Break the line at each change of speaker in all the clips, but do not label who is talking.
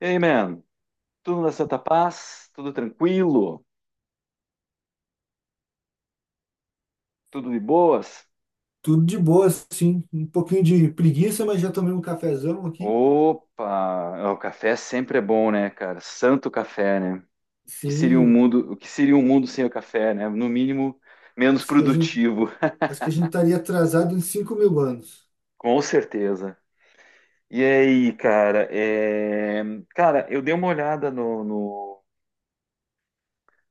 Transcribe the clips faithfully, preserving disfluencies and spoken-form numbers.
Ei, man, tudo na Santa Paz? Tudo tranquilo? Tudo de boas?
Tudo de boa, sim. Um pouquinho de preguiça, mas já tomei um cafezão aqui.
Opa, o café sempre é bom, né, cara? Santo café, né? Que seria um
Sim,
mundo, o que seria um mundo sem o café, né? No mínimo, menos
acho que a gente,
produtivo,
acho que a gente estaria atrasado em cinco mil anos.
com certeza. E aí, cara, é... cara, eu dei uma olhada no, no-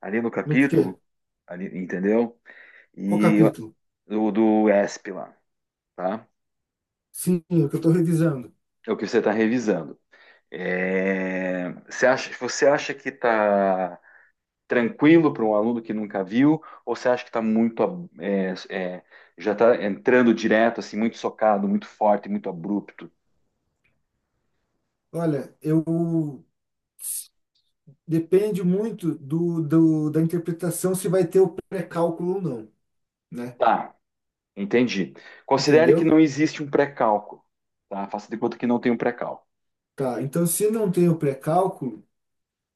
ali no
No
capítulo,
quê?
ali, entendeu?
Qual
E
capítulo?
o do E S P lá, tá?
Sim, o que eu estou revisando.
É o que você está revisando. É, você acha, você acha que está tranquilo para um aluno que nunca viu, ou você acha que está muito é, é, já está entrando direto, assim, muito socado, muito forte, muito abrupto?
Olha, eu depende muito do, do- da interpretação se vai ter o pré-cálculo ou não, né?
Tá, entendi. Considere que
Entendeu?
não existe um pré-cálculo, tá? Faça de conta que não tem um pré-cálculo.
Tá, então se não tem o pré-cálculo,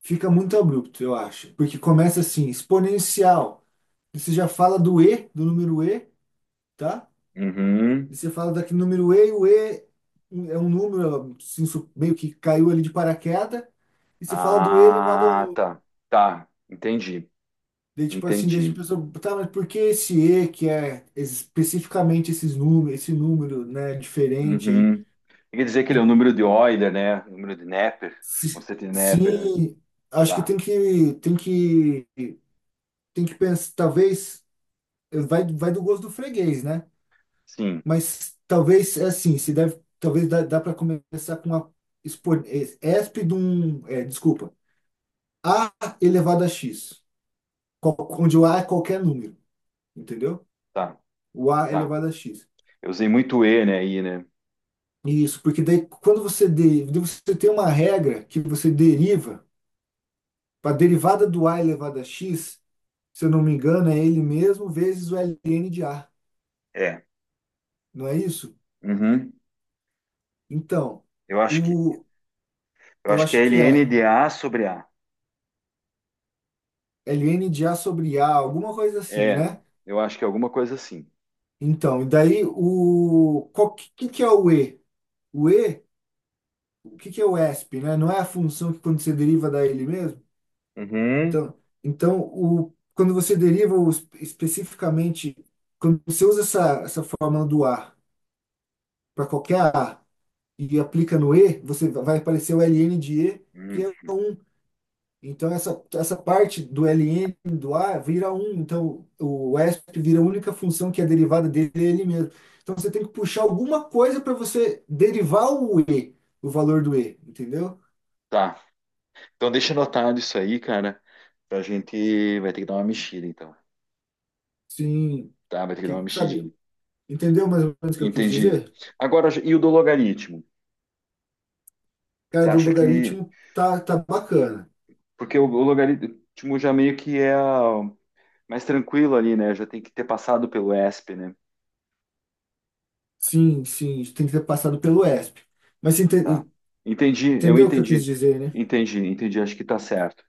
fica muito abrupto, eu acho. Porque começa assim, exponencial. Você já fala do E, do número E, tá?
Uhum.
E você fala daqui número E, e o E é um número assim, su- meio que caiu ali de paraquedas, e você fala do E elevado ao
Ah,
número.
tá, tá, entendi,
Daí, tipo assim, deixa a
entendi.
pessoa, tá, mas por que esse E que é especificamente esses números, esse número, né, diferente aí?
Uhum. Quer dizer que ele
E
é o número de Euler, né? O Número de Neper,
se-
conceito de Neper, né?
Sim, acho que
Tá,
tem que, tem que, tem que pensar, talvez, vai, vai do gosto do freguês, né?
sim,
Mas talvez, é assim, se deve, talvez dá, dá para começar com uma expo- eh, esp de um, é, desculpa, A elevado a x, qual- onde o A é qualquer número, entendeu?
tá.
O A é
Tá.
elevado a x.
Eu usei muito E, né, aí, né?
Isso, porque daí quando você, de, você tem uma regra que você deriva, para a derivada do A elevado a x, se eu não me engano, é ele mesmo vezes o ln de A,
É.
não é isso?
Uhum.
Então,
Eu acho que
o,
eu
eu
acho que é
acho que
ln
é
de A sobre A.
ln de A sobre A, alguma coisa assim,
É,
né?
eu acho que é alguma coisa assim.
Então, e daí o qual que, que que é o E? O E, o que que é o E S P, né? Não é a função que quando você deriva dá ele mesmo?
Uhum.
Então, então, o, quando você deriva o es- especificamente, quando você usa essa, essa fórmula do A para qualquer A e aplica no E, você vai aparecer o ln de E, que
Uhum.
é um. Então, essa, essa parte do ln do A vira um. Então, o E S P vira a única função que é derivada dele é ele mesmo. Então, você tem que puxar alguma coisa para você derivar o E, o valor do E, entendeu?
Tá. Então deixa anotado isso aí, cara. Pra gente vai ter que dar uma mexida, então.
Sim,
Tá, vai ter que dar uma
que,
mexidinha.
sabe? Entendeu mais ou menos o que eu quis
Entendi.
dizer?
Agora, e o do logaritmo? Você
Cara, do
acha que.
logaritmo tá, tá bacana.
Porque o, o logaritmo já meio que é a- mais tranquilo ali, né? Já tem que ter passado pelo E S P, né?
Sim, sim, tem que ter passado pelo E S P. Mas você
Tá.
ente-
Entendi, eu
entendeu o que eu quis
entendi.
dizer, né?
Entendi, entendi, acho que tá certo.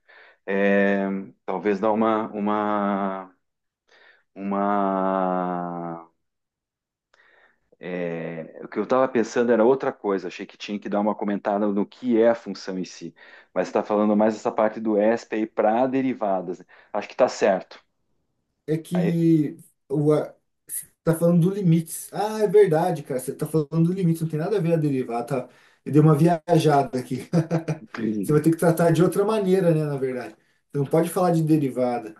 É, talvez dar uma, uma, uma. é, o que eu estava pensando era outra coisa, achei que tinha que dar uma comentada no que é a função em si, mas está falando mais essa parte do E S P aí para derivadas. Né? Acho que está certo.
É
Aí,
que o, a- você tá falando do limites. Ah, é verdade, cara. Você tá falando do limite, não tem nada a ver a derivar, tá? Eu dei uma viajada aqui. Você vai ter que tratar de outra maneira, né, na verdade. Você não pode falar de derivada.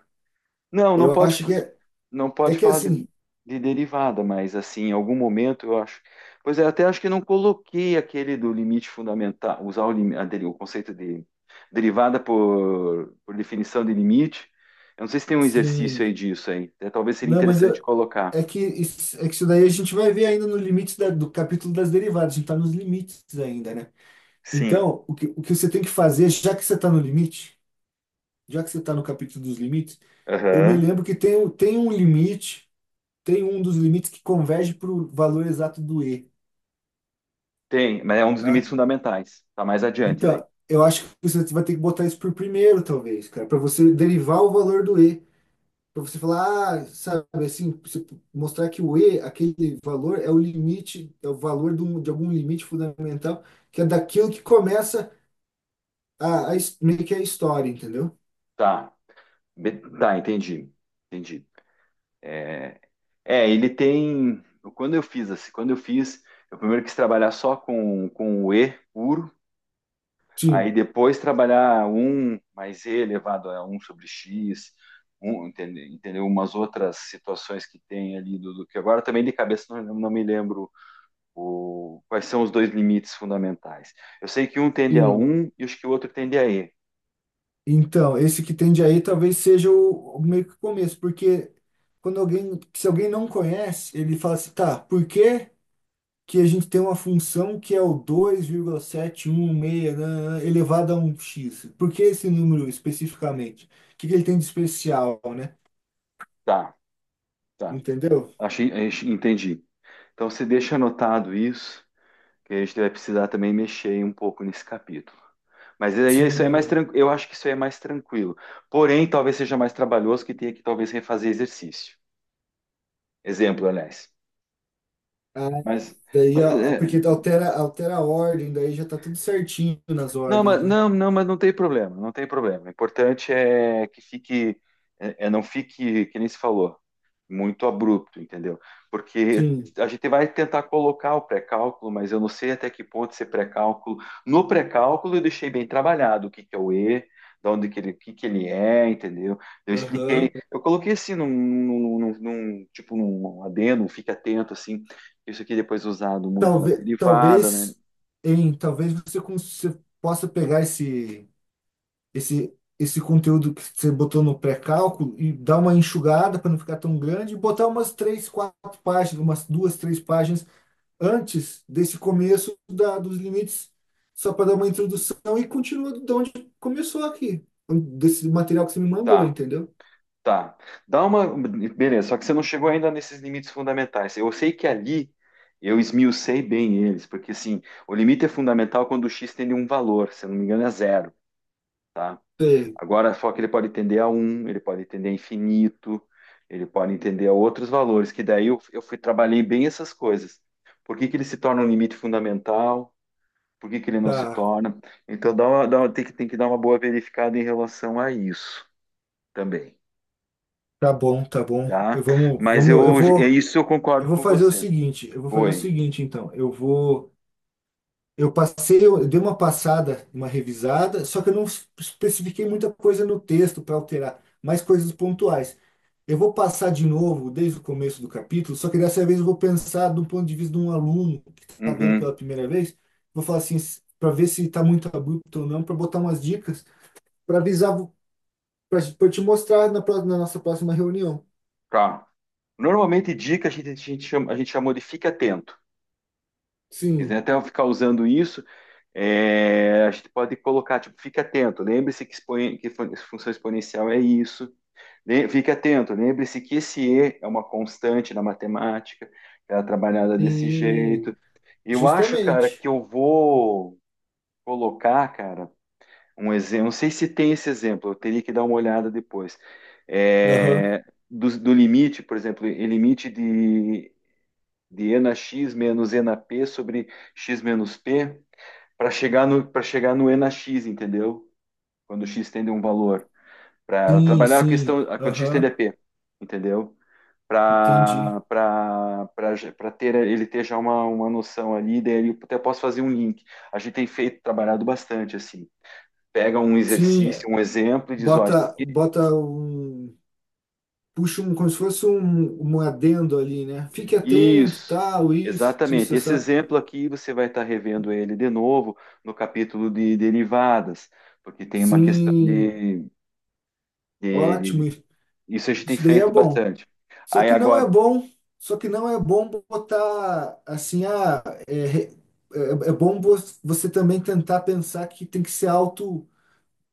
Não, não
Eu
pode,
acho
fa-
que é,
não
é
pode
que
falar de,
assim,
de derivada, mas assim, em algum momento eu acho. Pois é, até acho que não coloquei aquele do limite fundamental, usar o, lim- a deri- o conceito de derivada por, por definição de limite. Eu não sei se tem um exercício
sim.
aí disso aí. Até talvez seria
Não, mas
interessante
eu,
colocar.
é que isso, é que isso daí a gente vai ver ainda no limite da- do capítulo das derivadas. A gente está nos limites ainda, né?
Sim.
Então, o que, o que você tem que fazer, já que você está no limite, já que você está no capítulo dos limites, eu me
Aham.
lembro que tem, um- tem um limite, tem um dos limites que converge para o valor exato do E,
Tem, mas é um dos
tá?
limites fundamentais. Tá mais adiante daí.
Então, eu acho que você vai ter que botar isso por primeiro, talvez, cara, para você derivar o valor do E. Para você falar, ah, sabe, assim, você mostrar que o E, aquele valor, é o limite, é o valor de, um- de algum limite fundamental, que é daquilo que começa a, a, his- meio que a história, entendeu?
Tá. Be- Tá, entendi. Entendi. É, É, ele tem. Quando eu fiz assim, quando eu fiz, eu primeiro quis trabalhar só com, com o E puro, aí
Sim,
depois trabalhar um mais E elevado a um sobre X, um, entende- entendeu? Umas outras situações que tem ali do, do que agora também de cabeça não, não me lembro o, quais são os dois limites fundamentais. Eu sei que um tende a
sim.
um e acho que o outro tende a E.
Então, esse que tende aí talvez seja o, o meio que o começo, porque quando alguém, se alguém não conhece, ele fala assim, tá, por quê? Que a gente tem uma função que é o dois vírgula sete um seis nananã, elevado a um x. Por que esse número especificamente? O que que ele tem de especial, né?
Tá, tá.
Entendeu?
Achei, achei- entendi. Então você deixa anotado isso, que a gente vai precisar também mexer um pouco nesse capítulo. Mas aí isso aí é mais
Sim.
tranquilo. Eu acho que isso aí é mais tranquilo. Porém, talvez seja mais trabalhoso que tenha que talvez refazer exercício. Exemplo, aliás.
Ah,
Mas,
daí,
mas
a- a- porque
é,
altera, altera a ordem, daí já tá tudo certinho nas
não, mas
ordens, né?
não, não, mas não tem problema, não tem problema. O importante é que fique, é, é não fique, que nem se falou, muito abrupto, entendeu? Porque
Sim.
a gente vai tentar colocar o pré-cálculo, mas eu não sei até que ponto esse pré-cálculo. No pré-cálculo eu deixei bem trabalhado o que que é o E, de onde que ele, o que que ele é, entendeu? Eu expliquei,
Aham.
eu coloquei assim num, num, num- num- tipo num adendo, fique atento assim. Isso aqui depois é usado muito na
Talvez,
derivada, né?
talvez, em, talvez você, cons- você possa pegar esse. esse, esse conteúdo que você botou no pré-cálculo e dar uma enxugada para não ficar tão grande, e botar umas três, quatro páginas, umas duas, três páginas antes desse começo da, dos limites, só para dar uma introdução e continua de onde começou aqui, desse material que você me mandou,
Tá.
entendeu?
Tá. Dá uma. Beleza, só que você não chegou ainda nesses limites fundamentais. Eu sei que ali eu esmiucei bem eles, porque assim, o limite é fundamental é quando o x tende a um valor, se eu não me engano, é zero, tá?
Sei,
Agora, só que ele pode tender a um, ele pode tender a infinito, ele pode entender a outros valores, que daí eu, eu fui, trabalhei bem essas coisas. Por que que ele se torna um limite fundamental? Por que que ele não se
tá,
torna? Então, dá uma- dá uma- tem que, tem que dar uma boa verificada em relação a isso também.
tá bom, tá bom.
Tá?
Eu- Vamos,
Mas
vamos, eu
eu, é
vou,
isso eu
eu
concordo
vou
com
fazer o
você.
seguinte, eu vou fazer o
Oi.
seguinte, então, eu vou. Eu passei, eu dei uma passada, uma revisada, só que eu não es- especifiquei muita coisa no texto para alterar, mais coisas pontuais. Eu vou passar de novo desde o começo do capítulo, só que dessa vez eu vou pensar do ponto de vista de um aluno que está vendo
Uhum.
pela primeira vez. Vou falar assim, para ver se está muito abrupto ou não, para botar umas dicas, para avisar, para te mostrar na, pró- na nossa próxima reunião.
Tá. Normalmente dica a gente, a gente chama, a gente chamou de fique atento. Se quiser
Sim,
até eu ficar usando isso, é, a gente pode colocar, tipo, fique atento, lembre-se que, exponen- que fun- função exponencial é isso. Le- Fique atento, lembre-se que esse E é uma constante na matemática, ela é trabalhada desse
sim,
jeito. Eu acho, cara,
justamente.
que eu vou colocar, cara, Um exemplo, não sei se tem esse exemplo, eu teria que dar uma olhada depois.
Aham.
É, do, do limite, por exemplo, e limite de, de enax menos enap sobre x menos p para chegar no para chegar no enax, entendeu? Quando x tende a um valor, para
Sim,
trabalhar a
sim,
questão a- quando x tende a
aham,
p, entendeu?
entendi.
Para para ter ele ter já uma, uma noção ali, daí eu até posso fazer um link. A gente tem feito, trabalhado bastante assim pega um
Sim,
exercício, um exemplo e diz, ó, isso
Bota,
aqui,
bota um, puxa um, como se fosse um, um adendo ali, né? Fique atento,
isso,
tal, isso, isso,
exatamente. Esse
essa.
exemplo aqui você vai estar revendo ele de novo no capítulo de derivadas, porque tem uma questão
Sim,
de, de-
ótimo,
de-
isso
isso a gente tem
isso daí é
feito
bom.
bastante.
Só
Aí
que não é
agora,
bom, só que não é bom botar assim, ah, é, re- é, é bom vo- você também tentar pensar que tem que ser auto,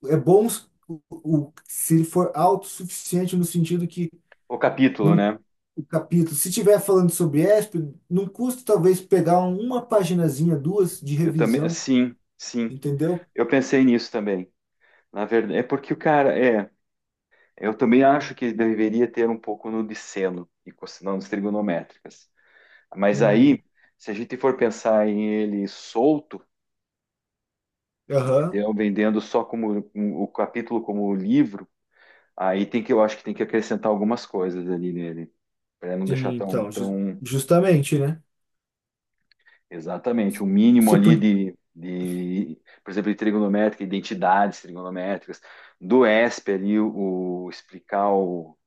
é bom s- o, o- se ele for autossuficiente no sentido que
o capítulo,
não
né?
o capítulo. Se tiver falando sobre E S P, não custa talvez pegar uma paginazinha, duas de
Eu também,
revisão,
sim, sim,
entendeu?
eu pensei nisso também. Na verdade, é porque o cara, é, eu também acho que deveria ter um pouco no de seno e cosinâncias trigonométricas. Mas aí,
Sim,
se a gente for pensar em ele solto,
aham.
entendeu? Vendendo só como um- o capítulo como livro, aí tem que eu acho que tem que acrescentar algumas coisas ali nele, para não deixar
Sim,
tão
então, ju-
tão
justamente, né?
exatamente o mínimo
Você
ali
podia,
de de, por exemplo, de trigonométrica, identidades trigonométricas, do E S P ali o, o explicar o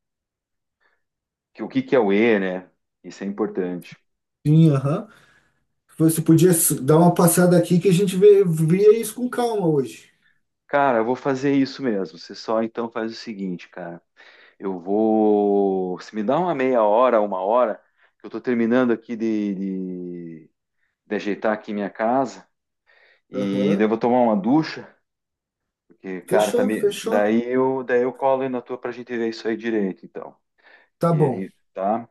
que o que que é o E, né? Isso é importante.
sim, aham. Você podia s- dar uma passada aqui que a gente vê, via isso com calma hoje.
Cara, eu vou fazer isso mesmo. Você só então faz o seguinte, cara. Eu vou. Se me dá uma meia hora, uma hora, que eu tô terminando aqui de, de, de ajeitar aqui minha casa e daí eu
Aham.
vou tomar uma ducha, porque, cara, tá
Fechou,
me...
fechou.
daí eu daí eu colo aí na tua pra gente ver isso aí direito, então.
Tá
E
bom.
aí, tá?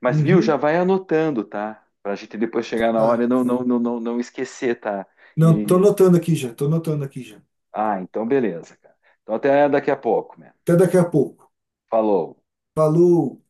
Mas viu, já
Uhum,
vai anotando, tá? Pra gente depois chegar na
tá.
hora e não, não, não, não, não esquecer, tá?
Não, tô
E...
anotando aqui já, tô anotando aqui já.
Ah, então beleza, cara. Então até daqui a pouco, né?
Até daqui a pouco.
Falou.
Falou.